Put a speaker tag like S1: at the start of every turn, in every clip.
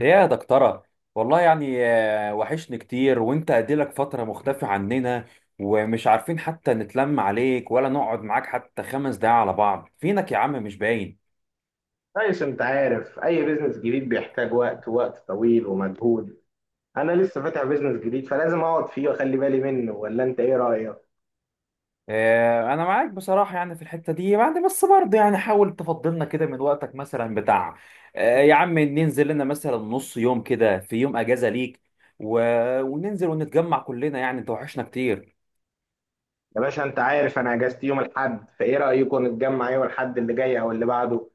S1: يا دكتورة، والله يعني وحشني كتير وانت اديلك فترة مختفي عننا، ومش عارفين حتى نتلم عليك ولا نقعد معاك حتى 5 دقايق على بعض. فينك يا عم؟ مش باين.
S2: كويس، انت عارف اي بيزنس جديد بيحتاج وقت، وقت طويل ومجهود. انا لسه فاتح بيزنس جديد فلازم اقعد فيه واخلي بالي منه، ولا انت ايه رايك؟
S1: انا معاك بصراحة يعني في الحتة دي، يعني بس برضه يعني حاول تفضلنا كده من وقتك مثلا بتاع يا عم، ننزل لنا مثلا نص يوم كده في يوم اجازة ليك و... وننزل ونتجمع كلنا، يعني انت وحشنا كتير.
S2: يا باشا، انت عارف انا اجازتي يوم الاحد، فايه رايكم نتجمع يوم الاحد اللي جاي او اللي بعده؟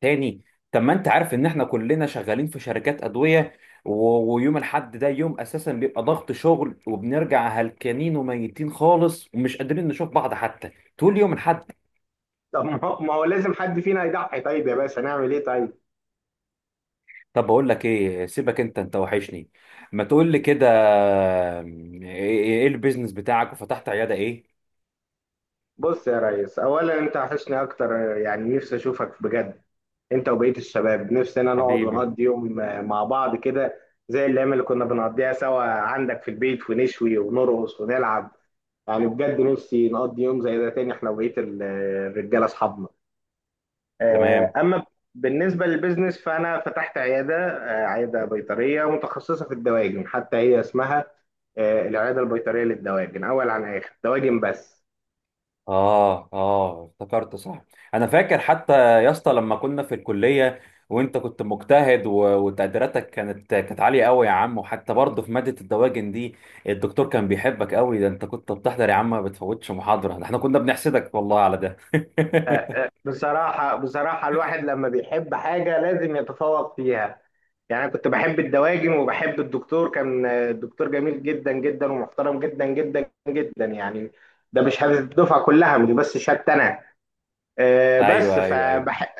S1: تاني؟ طب ما انت عارف ان احنا كلنا شغالين في شركات ادويه، ويوم الاحد ده يوم اساسا بيبقى ضغط شغل، وبنرجع هلكانين وميتين خالص، ومش قادرين نشوف بعض حتى، تقول لي يوم الاحد؟
S2: طب ما هو لازم حد فينا يضحي، طيب يا باشا نعمل ايه؟ طيب
S1: طب بقول لك ايه، سيبك انت وحشني. ما تقول لي كده، ايه إيه البيزنس بتاعك؟ وفتحت عياده ايه؟
S2: بص يا ريس، اولا انت وحشني اكتر. يعني نفسي اشوفك بجد، انت وبقيه الشباب، نفسنا نقعد
S1: حبيبي.
S2: ونقضي يوم مع بعض كده. زي الايام اللي كنا بنقضيها سوا عندك في البيت ونشوي ونرقص ونلعب. يعني بجد نفسي نقضي يوم زي ده تاني، احنا وبقية الرجالة اصحابنا.
S1: تمام.
S2: اما بالنسبة للبيزنس، فانا فتحت عيادة، عيادة بيطرية متخصصة في الدواجن، حتى هي اسمها العيادة البيطرية للدواجن، اول عن اخر دواجن بس.
S1: اه اه، افتكرت صح، انا فاكر حتى يا اسطى لما كنا في الكليه، وانت كنت مجتهد وتقديراتك كانت عاليه قوي يا عم، وحتى برضه في ماده الدواجن دي الدكتور كان بيحبك قوي، ده انت كنت بتحضر يا عم، ما بتفوتش محاضره، ده احنا كنا بنحسدك والله على ده.
S2: بصراحة بصراحة، الواحد لما بيحب حاجة لازم يتفوق فيها. يعني أنا كنت بحب الدواجن وبحب الدكتور، كان الدكتور جميل جدا جدا ومحترم جدا جدا جدا، يعني ده مش هدف الدفعة كلها، مش بس شهادتي انا. آه، بس
S1: ايوه ايوه ايوه.
S2: فبح...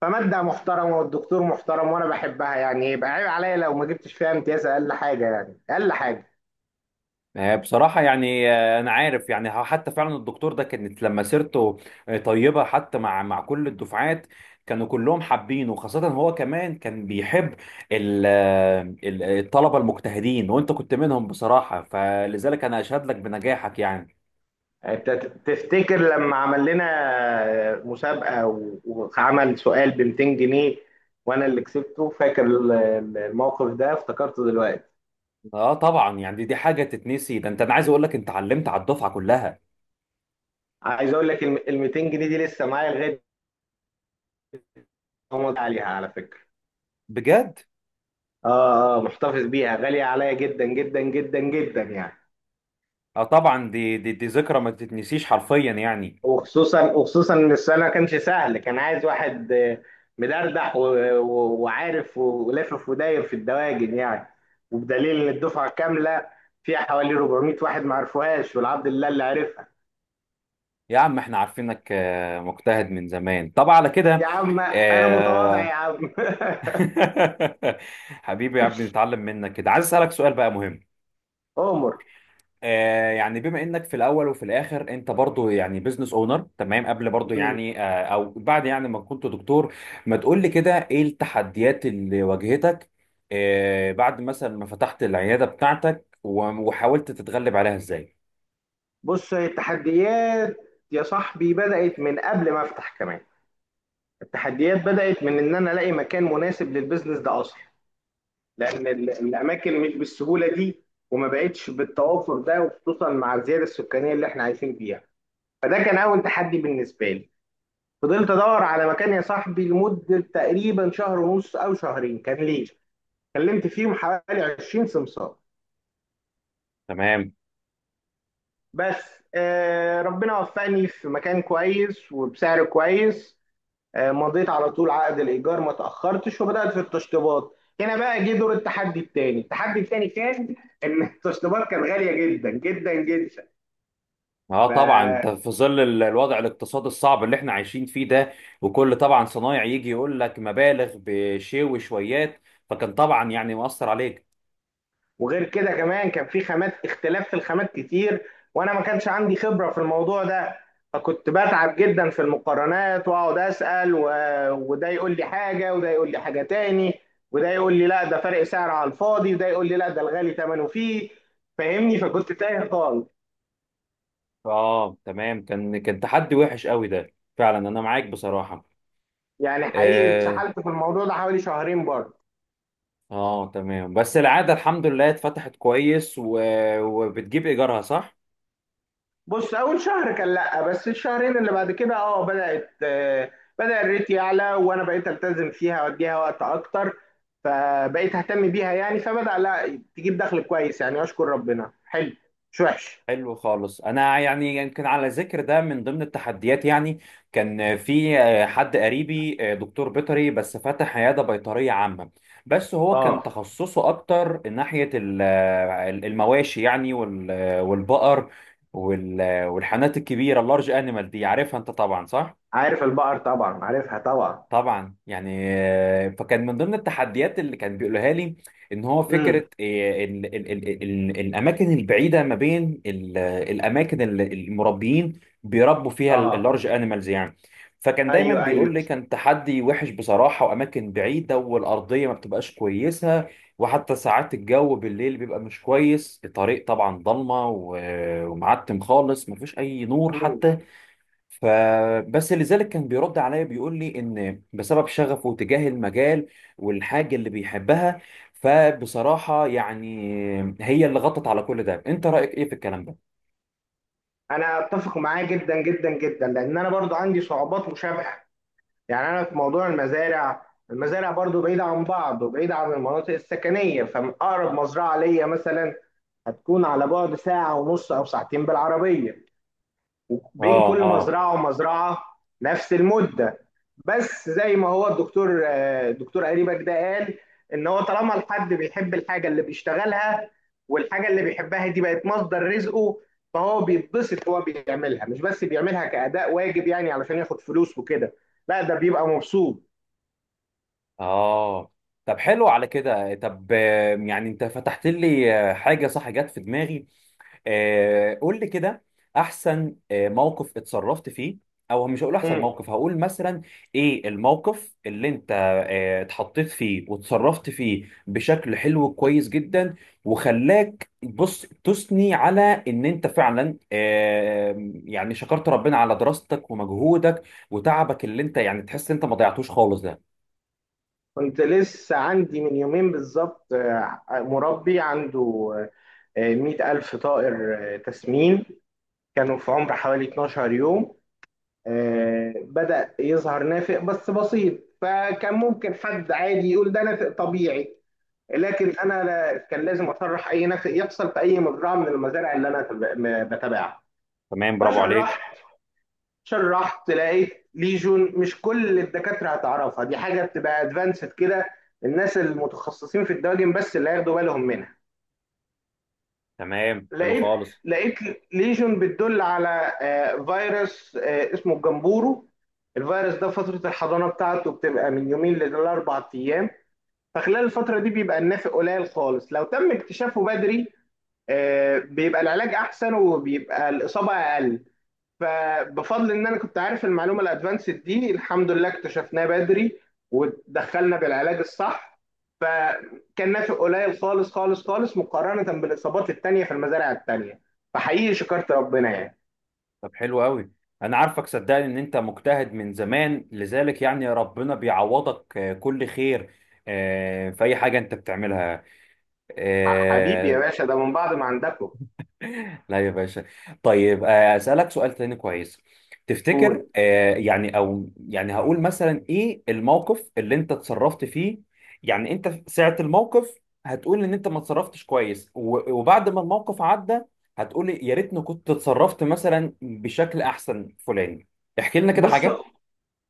S2: فمادة محترمة والدكتور محترم وأنا بحبها، يعني يبقى عيب عليا لو ما جبتش فيها امتياز، أقل حاجة يعني أقل حاجة.
S1: بصراحة يعني أنا عارف يعني حتى فعلا الدكتور ده كانت لما سيرته طيبة حتى مع كل الدفعات، كانوا كلهم حابينه، وخاصة هو كمان كان بيحب الطلبة المجتهدين، وأنت كنت منهم بصراحة، فلذلك أنا أشهد لك بنجاحك يعني.
S2: يعني أنت تفتكر لما عمل لنا مسابقة وعمل سؤال ب 200 جنيه وأنا اللي كسبته؟ فاكر الموقف ده، افتكرته دلوقتي.
S1: أه طبعا، يعني دي حاجة تتنسي، ده أنت، أنا عايز أقول لك أنت علمت على الدفعة كلها.
S2: عايز أقول لك ال 200 جنيه دي لسه معايا لغاية ما عليها، على فكرة.
S1: بجد.
S2: محتفظ بيها، غالية عليا جدا جدا جدا جدا يعني.
S1: أه طبعا، دي ذكرى ما تتنسيش حرفيا يعني.
S2: وخصوصا وخصوصا ان السؤال ما كانش سهل، كان عايز واحد مدردح وعارف ولافف وداير في الدواجن، يعني وبدليل ان الدفعه كامله فيها حوالي 400 واحد ما عرفوهاش، والعبد لله اللي عرفها.
S1: يا عم احنا عارفينك مجتهد من زمان طبعا على كده.
S2: يا عم انا متواضع
S1: آه.
S2: يا عم.
S1: حبيبي يا عم، نتعلم منك كده. عايز اسالك سؤال بقى مهم.
S2: عمر.
S1: يعني بما انك في الاول وفي الاخر انت برضو يعني بزنس اونر، تمام؟ قبل برضو
S2: مم.
S1: يعني او بعد يعني ما كنت دكتور. ما تقول لي كده، ايه التحديات اللي واجهتك بعد مثلا ما فتحت العياده بتاعتك، وحاولت تتغلب عليها ازاي؟
S2: بص التحديات يا صاحبي، بدأت من قبل ما افتح كمان. التحديات بدأت من ان انا الاقي مكان مناسب للبيزنس ده اصلا، لان الاماكن مش بالسهوله دي، وما بقتش بالتوافر ده، وخصوصا مع الزياده السكانيه اللي احنا عايشين فيها. فده كان اول تحدي بالنسبه لي. فضلت ادور على مكان يا صاحبي لمده تقريبا شهر ونص او شهرين كان ليه، كلمت فيهم حوالي 20 سمسار
S1: تمام.
S2: بس. ربنا وفقني في مكان كويس وبسعر كويس. مضيت على طول عقد الايجار ما تاخرتش، وبدات في التشطيبات. هنا بقى جه دور التحدي التاني. التحدي التاني كان ان التشطيبات كانت غاليه جدا جدا جدا.
S1: اه
S2: ف...
S1: طبعا، انت في ظل الوضع الاقتصادي الصعب اللي احنا عايشين فيه ده، وكل طبعا صنايع يجي يقول لك مبالغ بشيء وشويات، فكان طبعا يعني مؤثر عليك.
S2: وغير كده كمان كان في خامات، اختلاف في الخامات كتير، وانا ما كانش عندي خبره في الموضوع ده. فكنت بتعب جدا في المقارنات واقعد اسال وده يقول لي حاجه وده يقول لي حاجه تاني، وده يقول لي لا ده فرق سعر على الفاضي، وده يقول لي لا ده الغالي ثمنه فيه، فاهمني؟ فكنت تايه خالص.
S1: اه تمام، كان تحدي وحش قوي ده فعلا، انا معاك بصراحة.
S2: يعني حقيقي
S1: اه.
S2: اتسحلت في الموضوع ده حوالي شهرين برضه.
S1: تمام، بس العادة الحمد لله اتفتحت كويس وبتجيب ايجارها، صح؟
S2: بص اول شهر كان لا، بس الشهرين اللي بعد كده بدات، بدا الريت يعلى وانا بقيت التزم فيها واديها وقت اكتر، فبقيت اهتم بيها يعني، فبدا لا، تجيب دخل كويس يعني، اشكر ربنا، حلو مش وحش.
S1: حلو خالص. انا يعني يمكن على ذكر ده، من ضمن التحديات يعني، كان في حد قريبي، دكتور بيطري بس فتح عياده بيطريه عامه، بس هو كان
S2: اه،
S1: تخصصه اكتر ناحيه المواشي يعني، والبقر، والحانات الكبيره، اللارج انيمال دي عارفها انت طبعا، صح؟
S2: عارف البقر طبعا، عارفها طبعا.
S1: طبعا. يعني فكان من ضمن التحديات اللي كان بيقولها لي، ان هو فكره
S2: امم.
S1: ال ال ال ال الاماكن البعيده ما بين الاماكن اللي المربيين بيربوا فيها
S2: اه.
S1: اللارج انيمالز يعني. فكان دايما
S2: ايوه،
S1: بيقول
S2: ايوه.
S1: لي كان تحدي وحش بصراحه، واماكن بعيده، والارضيه ما بتبقاش كويسه، وحتى ساعات الجو بالليل بيبقى مش كويس، الطريق طبعا ضلمه ومعتم خالص، مفيش اي نور
S2: مم.
S1: حتى. فبس لذلك كان بيرد عليا، بيقول لي ان بسبب شغفه تجاه المجال والحاجه اللي بيحبها، فبصراحه يعني هي اللي غطت على كل ده. انت رايك ايه في الكلام ده؟
S2: انا اتفق معاه جدا جدا جدا، لان انا برضو عندي صعوبات مشابهه. يعني انا في موضوع المزارع، برضو بعيدة عن بعض وبعيدة عن المناطق السكنية، فأقرب مزرعة ليا مثلا هتكون على بعد ساعة ونص أو ساعتين بالعربية، وبين
S1: اه
S2: كل
S1: اه
S2: مزرعة ومزرعة نفس المدة. بس زي ما هو الدكتور، الدكتور قريبك ده قال، إن هو طالما الحد بيحب الحاجة اللي بيشتغلها، والحاجة اللي بيحبها دي بقت مصدر رزقه، فهو بيتبسط وهو بيعملها، مش بس بيعملها كأداء واجب يعني علشان ياخد فلوس وكده، لا ده بيبقى مبسوط.
S1: اه. طب حلو على كده. طب يعني انت فتحت لي حاجه، صح، جت في دماغي. قول لي كده، احسن موقف اتصرفت فيه، او مش هقول احسن
S2: مم.
S1: موقف، هقول مثلا ايه الموقف اللي انت اتحطيت فيه وتصرفت فيه بشكل حلو كويس جدا، وخلاك بص تثني على ان انت فعلا يعني شكرت ربنا على دراستك ومجهودك وتعبك، اللي انت يعني تحس انت ما ضيعتوش خالص ده.
S2: كنت لسه عندي من يومين بالظبط مربي عنده 100,000 طائر تسمين، كانوا في عمر حوالي 12 يوم. بدأ يظهر نافق بس بسيط، فكان ممكن حد عادي يقول ده نافق طبيعي، لكن أنا كان لازم أشرح أي نافق يحصل في أي مزرعة من المزارع اللي أنا بتابعها.
S1: تمام، برافو عليك.
S2: فشرحت، لقيت ليجون، مش كل الدكاترة هتعرفها، دي حاجة بتبقى ادفانسد كده، الناس المتخصصين في الدواجن بس اللي هياخدوا بالهم منها.
S1: تمام، حلو
S2: لقيت
S1: خالص.
S2: لقيت ليجون بتدل على فيروس اسمه الجمبورو. الفيروس ده فترة الحضانة بتاعته بتبقى من يومين لأربع أيام، فخلال الفترة دي بيبقى النافق قليل خالص لو تم اكتشافه بدري، بيبقى العلاج أحسن وبيبقى الإصابة أقل. فبفضل ان انا كنت عارف المعلومه الادفانسد دي الحمد لله اكتشفناها بدري، ودخلنا بالعلاج الصح، فكان نافع قليل خالص خالص خالص مقارنه بالاصابات التانيه في المزارع التانيه. فحقيقي شكرت ربنا يعني.
S1: طب حلو قوي، انا عارفك صدقني ان انت مجتهد من زمان، لذلك يعني ربنا بيعوضك كل خير في اي حاجه انت بتعملها
S2: حبيبي يا
S1: آه،
S2: باشا، ده من بعض ما عندكم.
S1: لا يا باشا. طيب أسألك سؤال تاني كويس. تفتكر
S2: قول.
S1: يعني، أو يعني هقول مثلا إيه الموقف اللي أنت اتصرفت فيه، يعني أنت في ساعة الموقف هتقول إن أنت ما اتصرفتش كويس، وبعد ما الموقف عدى هتقول يا ريتني كنت اتصرفت مثلا بشكل أحسن فلان، احكي لنا كده
S2: بص،
S1: حاجة.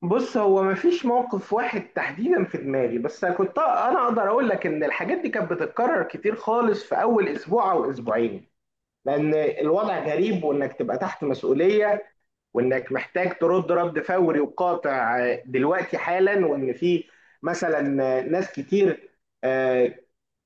S2: هو مفيش موقف واحد تحديدا في دماغي، بس كنت انا اقدر اقول لك ان الحاجات دي كانت بتتكرر كتير خالص في اول اسبوع او اسبوعين، لان الوضع غريب، وانك تبقى تحت مسؤوليه، وانك محتاج ترد رد فوري وقاطع دلوقتي حالا، وان في مثلا ناس كتير آه،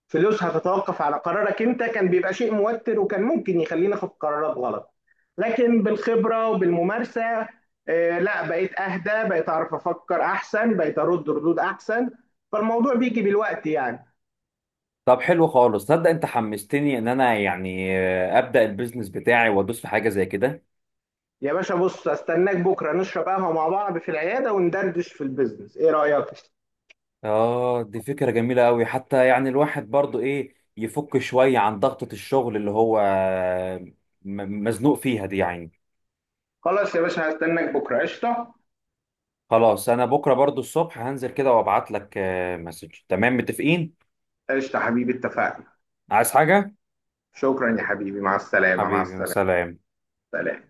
S2: فلوسها تتوقف على قرارك انت، كان بيبقى شيء موتر، وكان ممكن يخليني اخد قرارات غلط. لكن بالخبره وبالممارسه لا بقيت اهدى، بقيت اعرف افكر احسن، بقيت ارد ردود احسن، فالموضوع بيجي بالوقت يعني.
S1: طب حلو خالص، تصدق أنت حمستني إن أنا يعني أبدأ البيزنس بتاعي وأدوس في حاجة زي كده.
S2: يا باشا بص، استناك بكره نشرب قهوه مع بعض في العياده وندردش في البيزنس، ايه رايك؟
S1: اه، دي فكرة جميلة قوي، حتى يعني الواحد برضو ايه، يفك شوية عن ضغطة الشغل اللي هو مزنوق فيها دي يعني.
S2: خلاص يا باشا، هستناك بكره قشطه.
S1: خلاص، انا بكرة برضو الصبح هنزل كده وابعت لك مسج، تمام؟ متفقين.
S2: قشطه حبيبي، اتفقنا.
S1: عايز حاجة؟
S2: شكرا يا حبيبي، مع السلامه، مع
S1: حبيبي،
S2: السلامه.
S1: سلام.
S2: سلام.